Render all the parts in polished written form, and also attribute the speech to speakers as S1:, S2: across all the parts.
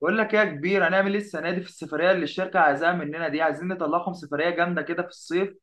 S1: بقول لك ايه يا كبير؟ هنعمل ايه السنه دي في السفريه اللي الشركه عايزاها مننا دي؟ عايزين نطلعهم سفريه جامده كده في الصيف،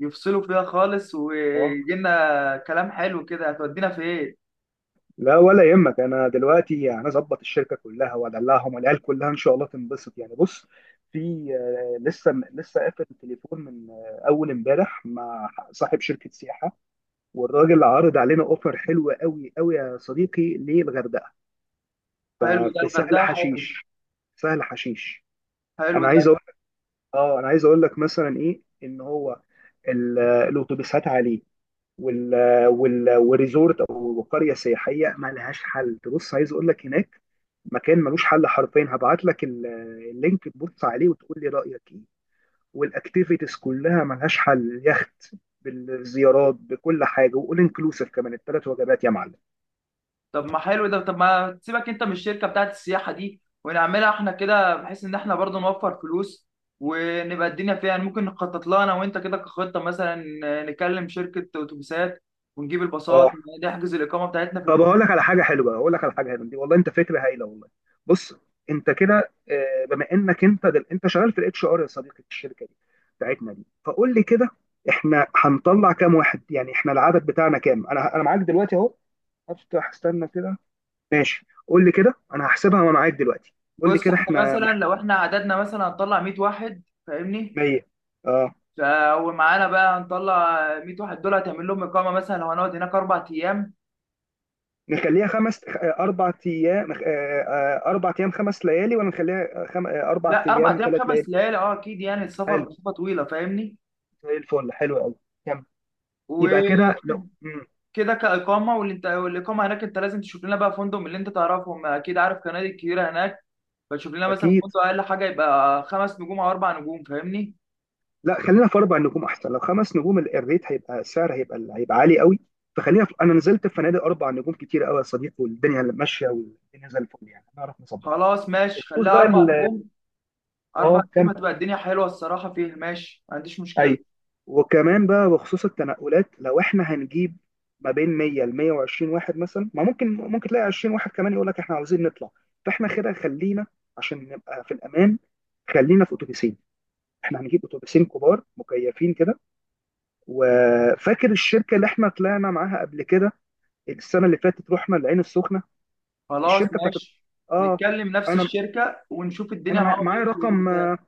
S1: يفصلوا فيها خالص،
S2: اه،
S1: ويجي لنا كلام حلو كده. هتودينا فين؟
S2: لا ولا يهمك. انا دلوقتي هنظبط الشركه كلها وادلعهم، والعيال كلها ان شاء الله تنبسط. يعني بص، في لسه قافل التليفون من اول امبارح مع صاحب شركه سياحه، والراجل عارض علينا اوفر حلو قوي قوي يا صديقي للغردقه.
S1: حلو ده،
S2: في سهل
S1: الغردقه حلو.
S2: حشيش، سهل حشيش.
S1: حلو
S2: انا
S1: ده.
S2: عايز اقول لك، اه انا عايز اقول لك مثلا ايه، ان هو الاتوبيسات عليه، وال والريزورت او قريه سياحيه ما لهاش حل. تبص، عايز اقول لك هناك مكان ملوش حل حرفيا. هبعت لك اللينك تبص عليه وتقول لي رايك ايه. والاكتيفيتيز كلها ملهاش حل، اليخت بالزيارات بكل حاجه، واول انكلوسيف كمان 3 وجبات يا معلم.
S1: طب ما حلو ده، طب ما تسيبك انت من الشركه بتاعت السياحه دي، ونعملها احنا كده، بحيث ان احنا برضه نوفر فلوس ونبقى الدنيا فيها. يعني ممكن نخطط لها انا وانت كده كخطه مثلا. نكلم شركه اتوبيسات ونجيب الباصات،
S2: اه،
S1: نحجز الاقامه بتاعتنا في
S2: طب هقول لك
S1: الفندق.
S2: على حاجه حلوه، هقول لك على حاجه حلوه دي. والله انت فكره هايله والله. بص، انت كده، بما انك انت انت شغال في الاتش ار يا صديقي في الشركه دي بتاعتنا دي، فقول لي كده، احنا هنطلع كام واحد؟ يعني احنا العدد بتاعنا كام؟ انا معاك دلوقتي اهو، هفتح، استنى كده. ماشي، قول لي كده، انا هحسبها وانا معاك دلوقتي. قول لي
S1: بص،
S2: كده،
S1: احنا
S2: احنا
S1: مثلا لو احنا عددنا مثلا هنطلع 100 واحد، فاهمني؟
S2: 100. اه،
S1: ومعانا بقى هنطلع 100 واحد، دول هتعمل لهم اقامه. مثلا لو هنقعد هناك اربع ايام.
S2: نخليها خمس، 4 ايام 4 ايام 5 ليالي، ولا نخليها آه، خم... آه، اربع
S1: لا، اربع
S2: ايام
S1: ايام
S2: ثلاث
S1: خمس
S2: ليالي
S1: ليالي، اه اكيد، يعني السفر
S2: حلو،
S1: مسافه طويله، فاهمني؟
S2: زي الفل، حلو قوي. يبقى كده لو
S1: وشوف
S2: مم،
S1: كده كاقامه. واللي انت، والاقامه هناك انت لازم تشوف لنا بقى فندق من اللي انت تعرفهم، اكيد عارف فنادق كتيره هناك. فتشوف لنا مثلا
S2: اكيد.
S1: فندق اقل حاجه يبقى خمس نجوم او اربع نجوم، فاهمني؟
S2: لا، خلينا في 4 نجوم احسن. لو 5 نجوم الريت هيبقى، السعر هيبقى، هيبقى عالي قوي. انا نزلت في فنادق 4 نجوم كتير قوي يا صديقي، والدنيا ماشيه، والدنيا زي الفل، يعني هنعرف نظبطها.
S1: خلاص ماشي،
S2: بخصوص
S1: خليها
S2: بقى
S1: اربع
S2: ال...
S1: نجوم. اربع
S2: اه كم،
S1: نجوم هتبقى الدنيا حلوه الصراحه فيه، ماشي، ما عنديش مشكله.
S2: اي، وكمان بقى بخصوص التنقلات، لو احنا هنجيب ما بين 100 ل 120 واحد مثلا، ما ممكن ممكن تلاقي 20 واحد كمان يقول لك احنا عاوزين نطلع، فاحنا كده خلينا، عشان نبقى في الامان، خلينا في اتوبيسين. احنا هنجيب اتوبيسين كبار مكيفين كده. وفاكر الشركه اللي احنا طلعنا معاها قبل كده، السنه اللي فاتت رحنا العين السخنه؟
S1: خلاص
S2: الشركه بتاعت،
S1: ماشي،
S2: اه،
S1: نتكلم نفس
S2: انا
S1: الشركة ونشوف الدنيا
S2: انا معايا
S1: معاهم
S2: معايا
S1: ايه في
S2: رقم
S1: الاتفاق.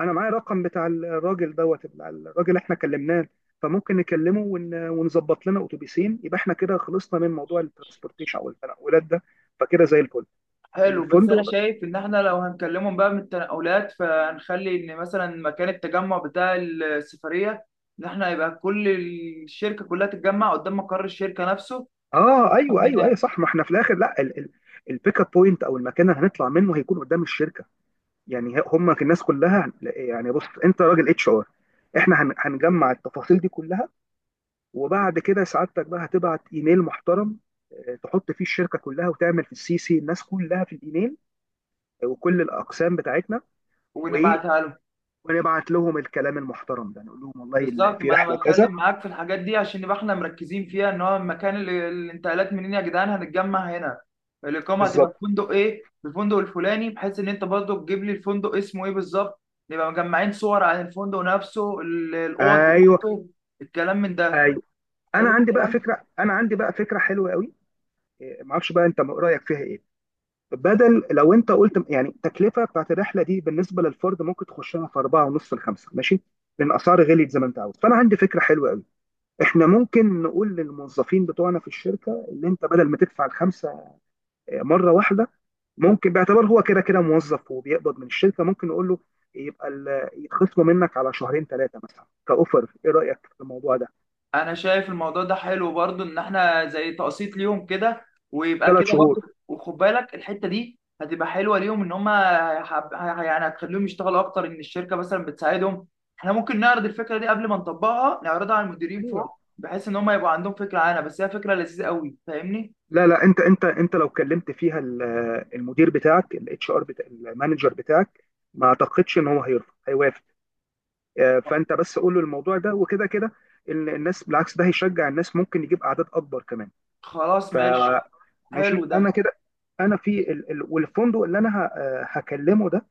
S2: انا معايا رقم بتاع الراجل، دوت بتاع الراجل اللي احنا كلمناه. فممكن نكلمه ونظبط لنا اتوبيسين، يبقى احنا كده خلصنا من موضوع الترانسبورتيشن او التنقلات ده، فكده زي الفل.
S1: حلو، بس انا
S2: الفندق،
S1: شايف ان احنا لو هنكلمهم بقى من التنقلات، فهنخلي ان مثلا مكان التجمع بتاع السفرية، ان احنا يبقى كل الشركة كلها تتجمع قدام مقر الشركة نفسه
S2: اه ايوه ايوه ايوه
S1: هناك.
S2: صح. ما احنا في الاخر لا البيك اب بوينت او المكان اللي هنطلع منه هيكون قدام الشركه. يعني هم الناس كلها، يعني بص، انت راجل اتش ار، احنا هنجمع التفاصيل دي كلها، وبعد كده سعادتك بقى هتبعت ايميل محترم، تحط فيه الشركه كلها، وتعمل في السي سي الناس كلها في الايميل، وكل الاقسام بتاعتنا وايه،
S1: ونبعتها لهم.
S2: ونبعت لهم الكلام المحترم ده، نقول لهم والله
S1: بالظبط،
S2: في
S1: ما انا
S2: رحله كذا.
S1: بتكلم معاك في الحاجات دي عشان نبقى احنا مركزين فيها، ان هو المكان اللي الانتقالات منين يا جدعان هنتجمع هنا، الاقامه
S2: بالظبط.
S1: هتبقى في فندق ايه، في الفندق الفلاني، بحيث ان انت برضه تجيب لي الفندق اسمه ايه بالظبط. نبقى مجمعين صور عن الفندق نفسه، الاوض
S2: ايوه
S1: بتاعته، الكلام من ده.
S2: ايوه. انا
S1: حلو
S2: عندي بقى
S1: الكلام.
S2: فكره، انا عندي بقى فكره حلوه قوي، معرفش بقى انت رايك فيها ايه. بدل لو انت قلت يعني التكلفه بتاعت الرحله دي بالنسبه للفرد ممكن تخشها في اربعه ونص لخمسه، ماشي؟ لان اسعار غليت زي ما انت عاوز. فانا عندي فكره حلوه قوي، احنا ممكن نقول للموظفين بتوعنا في الشركه، اللي انت بدل ما تدفع الخمسه مره واحده، ممكن، باعتبار هو كده كده موظف وبيقبض من الشركه، ممكن نقول له يبقى يتخصموا منك على 2 شهور ثلاثه مثلا كاوفر. ايه رايك في الموضوع ده؟
S1: انا شايف الموضوع ده حلو برضو، ان احنا زي تقسيط ليهم كده، ويبقى
S2: ثلاث
S1: كده
S2: شهور
S1: برضو. وخد بالك الحته دي هتبقى حلوه ليهم، ان هم يعني هتخليهم يشتغلوا اكتر، ان الشركه مثلا بتساعدهم. احنا ممكن نعرض الفكره دي قبل ما نطبقها، نعرضها على المديرين
S2: ايوه.
S1: فوق، بحيث ان هم يبقى عندهم فكره عنها. بس هي فكره لذيذه قوي، فاهمني؟
S2: لا لا، انت لو كلمت فيها المدير بتاعك الاتش ار، بتاع المانجر بتاعك، ما اعتقدش ان هو هيرفض، هيوافق. فانت بس قول له الموضوع ده، وكده كده الناس، بالعكس، ده هيشجع الناس، ممكن يجيب اعداد اكبر كمان.
S1: خلاص
S2: ف
S1: ماشي. حلو
S2: ماشي، انا
S1: ده.
S2: كده، انا في والفندق اللي انا هكلمه ده،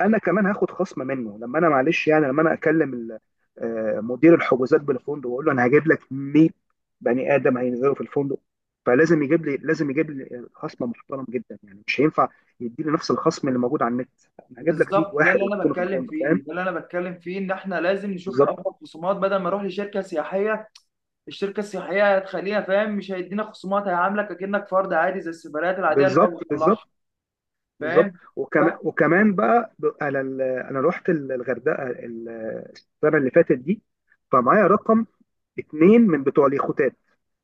S2: انا كمان هاخد خصم منه. لما انا معلش يعني، لما انا اكلم مدير الحجوزات بالفندق، واقول له انا هجيب لك 100 بني ادم هينزلوا في الفندق، فلازم يجيب لي، لازم يجيب لي خصم محترم جدا، يعني مش هينفع يديني نفس الخصم اللي موجود على النت. انا هجيب لك 100
S1: بالظبط، ده
S2: واحد
S1: اللي انا
S2: ويكونوا في
S1: بتكلم
S2: الفندق، فاهم؟
S1: فيه، ده اللي انا بتكلم فيه، ان احنا لازم نشوف
S2: بالظبط
S1: افضل خصومات بدل ما اروح لشركه سياحيه. الشركه السياحيه هتخليها فاهم مش هيدينا خصومات، هيعاملك اكنك فرد عادي زي السفريات العاديه اللي هو
S2: بالظبط. بالظبط
S1: بيطلعها.
S2: بالظبط.
S1: فاهم؟
S2: وكمان وكمان بقى انا انا رحت الغردقه السنه اللي فاتت دي، فمعايا رقم 2 من بتوع اليخوتات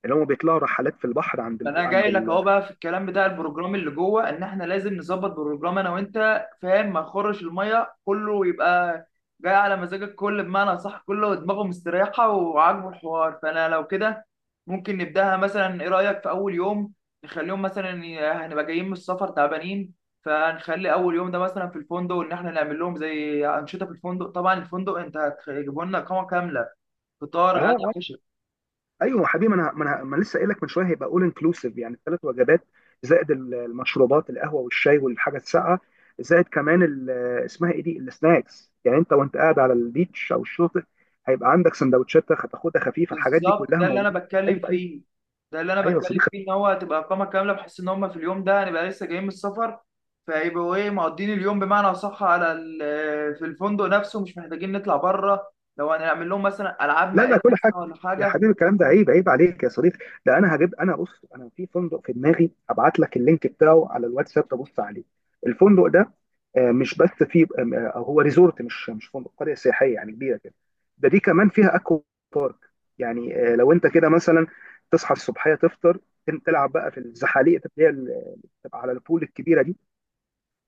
S2: اللي هم بيطلعوا رحلات في البحر، عند
S1: ما انا
S2: عند،
S1: جاي لك اهو بقى في الكلام بتاع البروجرام اللي جوه، ان احنا لازم نظبط بروجرام انا وانت، فاهم؟ ما نخرش الميه كله، يبقى جاي على مزاجك كل بمعنى صح، كله دماغه مستريحه وعاجبه الحوار. فانا لو كده ممكن نبداها مثلا، ايه رايك في اول يوم نخليهم مثلا هنبقى جايين من السفر تعبانين، فنخلي اول يوم ده مثلا في الفندق، ان احنا نعمل لهم زي انشطه في الفندق. طبعا الفندق انت هتجيبوا لنا اقامه كامله، فطار
S2: اه
S1: غدا.
S2: اه ايوه يا حبيبي، ما أنا لسه قايل لك من شويه هيبقى اول انكلوسيف، يعني 3 وجبات، زائد المشروبات، القهوه والشاي والحاجه الساقعه، زائد كمان اسمها ايه دي، السناكس، يعني انت وانت قاعد على البيتش او الشاطئ، هيبقى عندك سندوتشات هتاخدها خفيفه، الحاجات دي
S1: بالظبط،
S2: كلها
S1: ده اللي انا
S2: موجوده.
S1: بتكلم
S2: ايوه ايوه.
S1: فيه، ده اللي انا
S2: ايوه يا
S1: بتكلم
S2: صديقي.
S1: فيه، ان هو هتبقى اقامه كامله، بحيث ان هم في اليوم ده هنبقى لسه جايين من السفر، فيبقوا ايه مقضين اليوم بمعنى اصح على في الفندق نفسه، مش محتاجين نطلع بره. لو هنعمل لهم مثلا العاب
S2: لا لا،
S1: مائيه
S2: كل حاجه
S1: مثلاً ولا
S2: يا
S1: حاجه.
S2: حبيبي. الكلام ده عيب، عيب عليك يا صديقي. ده انا هجيب، انا بص، انا في فندق في دماغي، ابعت لك اللينك بتاعه على الواتساب تبص عليه، الفندق ده مش بس فيه، هو ريزورت، مش فندق، قريه سياحيه يعني كبيره كده. ده دي كمان فيها اكوا بارك، يعني لو انت كده مثلا تصحى الصبحيه، تفطر، تلعب بقى في الزحاليق اللي هي اللي بتبقى على البول الكبيره دي،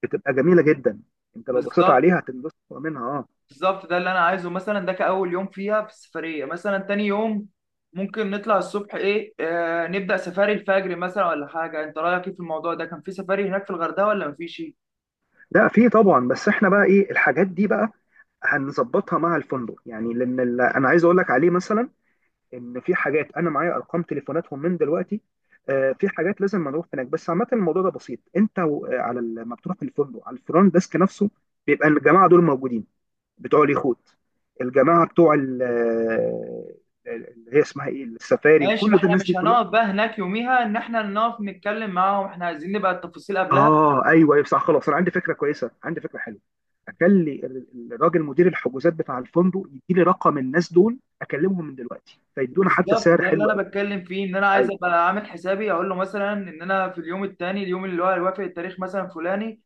S2: بتبقى جميله جدا. انت لو بصيت
S1: بالظبط،
S2: عليها هتنبسط منها، اه.
S1: بالظبط، ده اللي انا عايزه مثلا، ده كاول يوم فيها في السفريه. مثلا تاني يوم ممكن نطلع الصبح ايه، آه نبدا سفاري الفجر مثلا ولا حاجه. انت رايك ايه في الموضوع ده؟ كان في سفاري هناك في الغردقه ولا مفيش؟
S2: لا، في طبعا، بس احنا بقى ايه، الحاجات دي بقى هنظبطها مع الفندق، يعني لان انا عايز اقول لك عليه، مثلا ان في حاجات انا معايا ارقام تليفوناتهم من دلوقتي. في حاجات لازم نروح هناك، بس عامه الموضوع ده بسيط. انت على لما بتروح الفندق على الفرونت ديسك نفسه بيبقى الجماعه دول موجودين، بتوع اليخوت، الجماعه بتوع اللي هي اسمها ايه، السفاري،
S1: ماشي، ما
S2: وكل ده
S1: احنا
S2: الناس دي.
S1: مش هنقعد بقى هناك يوميها ان احنا نقف نتكلم معاهم، احنا عايزين نبقى التفاصيل قبلها.
S2: اه ايوه ايوه صح. خلاص، انا عندي فكره كويسه، عندي فكره حلوه، اخلي الراجل مدير الحجوزات بتاع الفندق يديلي رقم الناس دول، اكلمهم من دلوقتي، فيدونا حتى
S1: بالظبط،
S2: سعر
S1: ده اللي
S2: حلو
S1: انا
S2: قوي.
S1: بتكلم فيه، ان انا عايز
S2: ايوه.
S1: ابقى عامل حسابي اقول له مثلا ان انا في اليوم التاني، اليوم اللي هو هيوافق التاريخ مثلا فلاني،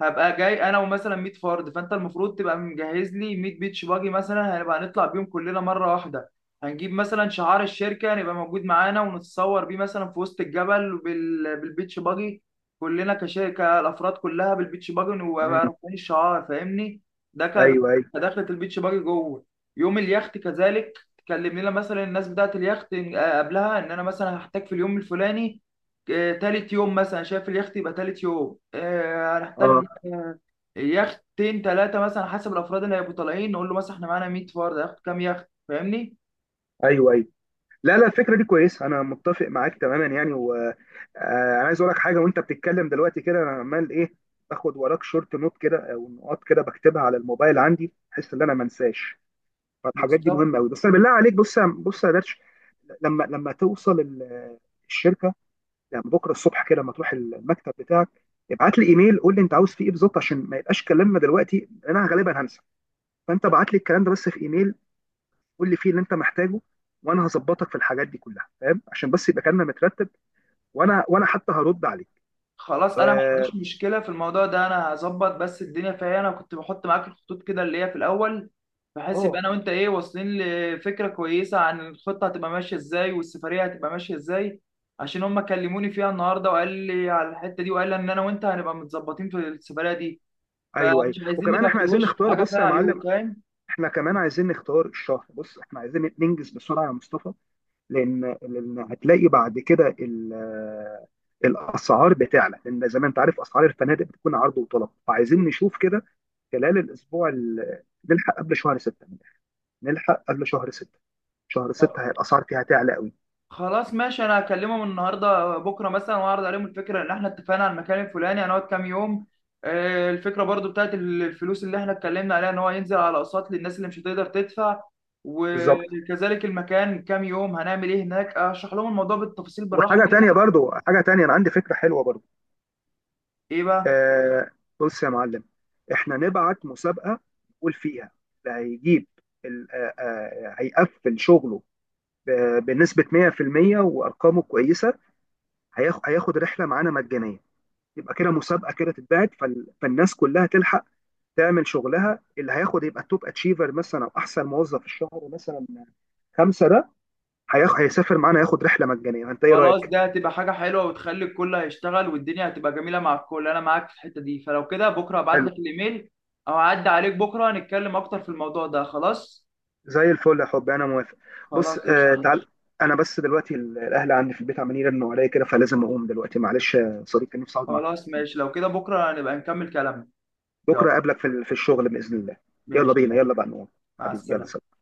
S1: هبقى جاي انا ومثلا 100 فرد، فانت المفروض تبقى مجهز لي 100 بيتش باجي مثلا، هنبقى هنطلع بيهم كلنا مره واحده. هنجيب مثلا شعار الشركه هنبقى موجود معانا، ونتصور بيه مثلا في وسط الجبل بالبيتش باجي، كلنا كشركه الافراد كلها بالبيتش باجي، ونبقى
S2: مم.
S1: بقى رافعين الشعار، فاهمني؟ ده ك-
S2: ايوه ايوه.
S1: كدخلة البيتش باجي جوه. يوم اليخت كذلك، تكلم لنا مثلا الناس بتاعه اليخت قبلها ان انا مثلا هحتاج في اليوم الفلاني، تالت يوم مثلا، شايف اليخت يبقى تالت يوم،
S2: اه
S1: هنحتاج يختين ثلاثه مثلا حسب الافراد اللي هيبقوا طالعين. نقول له مثلا احنا معانا 100 فرد، هياخد كام يخت، فاهمني؟
S2: ايوه ايوه. لا لا، الفكره دي كويسه، انا متفق معاك تماما يعني. وانا عايز اقول لك حاجه، وانت بتتكلم دلوقتي كده، انا عمال ايه، باخد وراك شورت نوت كده، او نقاط كده بكتبها على الموبايل عندي، بحيث ان انا ما انساش، فالحاجات دي
S1: بالظبط.
S2: مهمه قوي. بس انا بالله عليك، بص بص يا درش، لما توصل الشركه، يعني بكره الصبح كده، لما تروح المكتب بتاعك، ابعت لي ايميل، قول لي انت عاوز فيه ايه بالظبط، عشان ما يبقاش كلامنا دلوقتي انا غالبا هنسى. فانت ابعت لي الكلام ده بس في ايميل، قول لي فيه اللي انت محتاجه، وانا هظبطك في الحاجات دي كلها، فاهم؟ عشان بس يبقى كلامنا مترتب، وانا حتى هرد عليك.
S1: خلاص، انا ما
S2: اه.
S1: عنديش مشكله في الموضوع ده، انا هظبط بس الدنيا فيها. انا كنت بحط معاك الخطوط كده اللي هي في الاول، بحيث يبقى
S2: آه،
S1: انا وانت ايه، واصلين لفكره كويسه عن الخطه هتبقى ماشيه ازاي والسفريه هتبقى ماشيه ازاي، عشان هم كلموني فيها النهارده وقال لي على الحته دي، وقال لي ان انا وانت هنبقى متظبطين في السفريه دي،
S2: ايوه ايوه.
S1: فمش عايزين
S2: وكمان
S1: نبقى في
S2: احنا عايزين
S1: الوش في
S2: نختار،
S1: حاجه
S2: بص
S1: فيها
S2: يا
S1: عيوب،
S2: معلم،
S1: فاهم؟
S2: احنا كمان عايزين نختار الشهر. بص احنا عايزين ننجز بسرعه يا مصطفى، لان لان هتلاقي بعد كده الاسعار بتعلى، لان زي ما انت عارف، اسعار الفنادق بتكون عرض وطلب، فعايزين نشوف كده خلال الاسبوع نلحق قبل شهر 6، نلحق قبل شهر 6، شهر 6 هي الاسعار فيها تعلى قوي.
S1: خلاص ماشي، انا هكلمهم النهارده بكره مثلا، واعرض عليهم الفكره ان احنا اتفقنا على المكان الفلاني، هنقعد كام يوم، الفكره برضو بتاعت الفلوس اللي احنا اتكلمنا عليها ان هو ينزل على اقساط للناس اللي مش هتقدر تدفع،
S2: بالظبط.
S1: وكذلك المكان كام يوم هنعمل ايه هناك. اشرح لهم الموضوع بالتفاصيل بالراحه
S2: وحاجه تانية
S1: كده.
S2: برضو، حاجه تانية، انا عندي فكره حلوه برضو.
S1: ايه بقى؟
S2: آه، بص يا معلم، احنا نبعت مسابقه نقول فيها اللي هيجيب هيقفل شغله بنسبه 100% وارقامه كويسه، هياخد رحله معانا مجانيه. يبقى كده مسابقه كده تتبعت، فالناس كلها تلحق تعمل شغلها، اللي هياخد يبقى التوب اتشيفر مثلا، او احسن موظف في الشهر مثلا، خمسه ده هيسافر معانا، ياخد رحله مجانيه. فانت ايه
S1: خلاص،
S2: رايك؟
S1: ده هتبقى حاجه حلوه، وتخلي الكل هيشتغل، والدنيا هتبقى جميله مع الكل. انا معاك في الحته دي، فلو كده بكره هبعت
S2: حلو.
S1: لك الايميل، او هعدي عليك بكره نتكلم اكتر في الموضوع ده. خلاص.
S2: زي الفل يا حبي، انا موافق. بص،
S1: خلاص
S2: آه،
S1: قشطه.
S2: تعال، انا بس دلوقتي الاهل عندي في البيت عمالين يرنوا عليا كده، فلازم اقوم دلوقتي، معلش يا صديقي، نفسي اقعد معاك أكتر
S1: خلاص
S2: من
S1: ماشي،
S2: كده.
S1: لو كده بكرة نبقى نكمل كلامنا. يلا.
S2: بكره اقابلك في في الشغل باذن الله. يلا
S1: ماشي
S2: بينا،
S1: يلا.
S2: يلا بقى نقوم.
S1: مع
S2: حبيبي، يلا
S1: السلامة.
S2: سلام.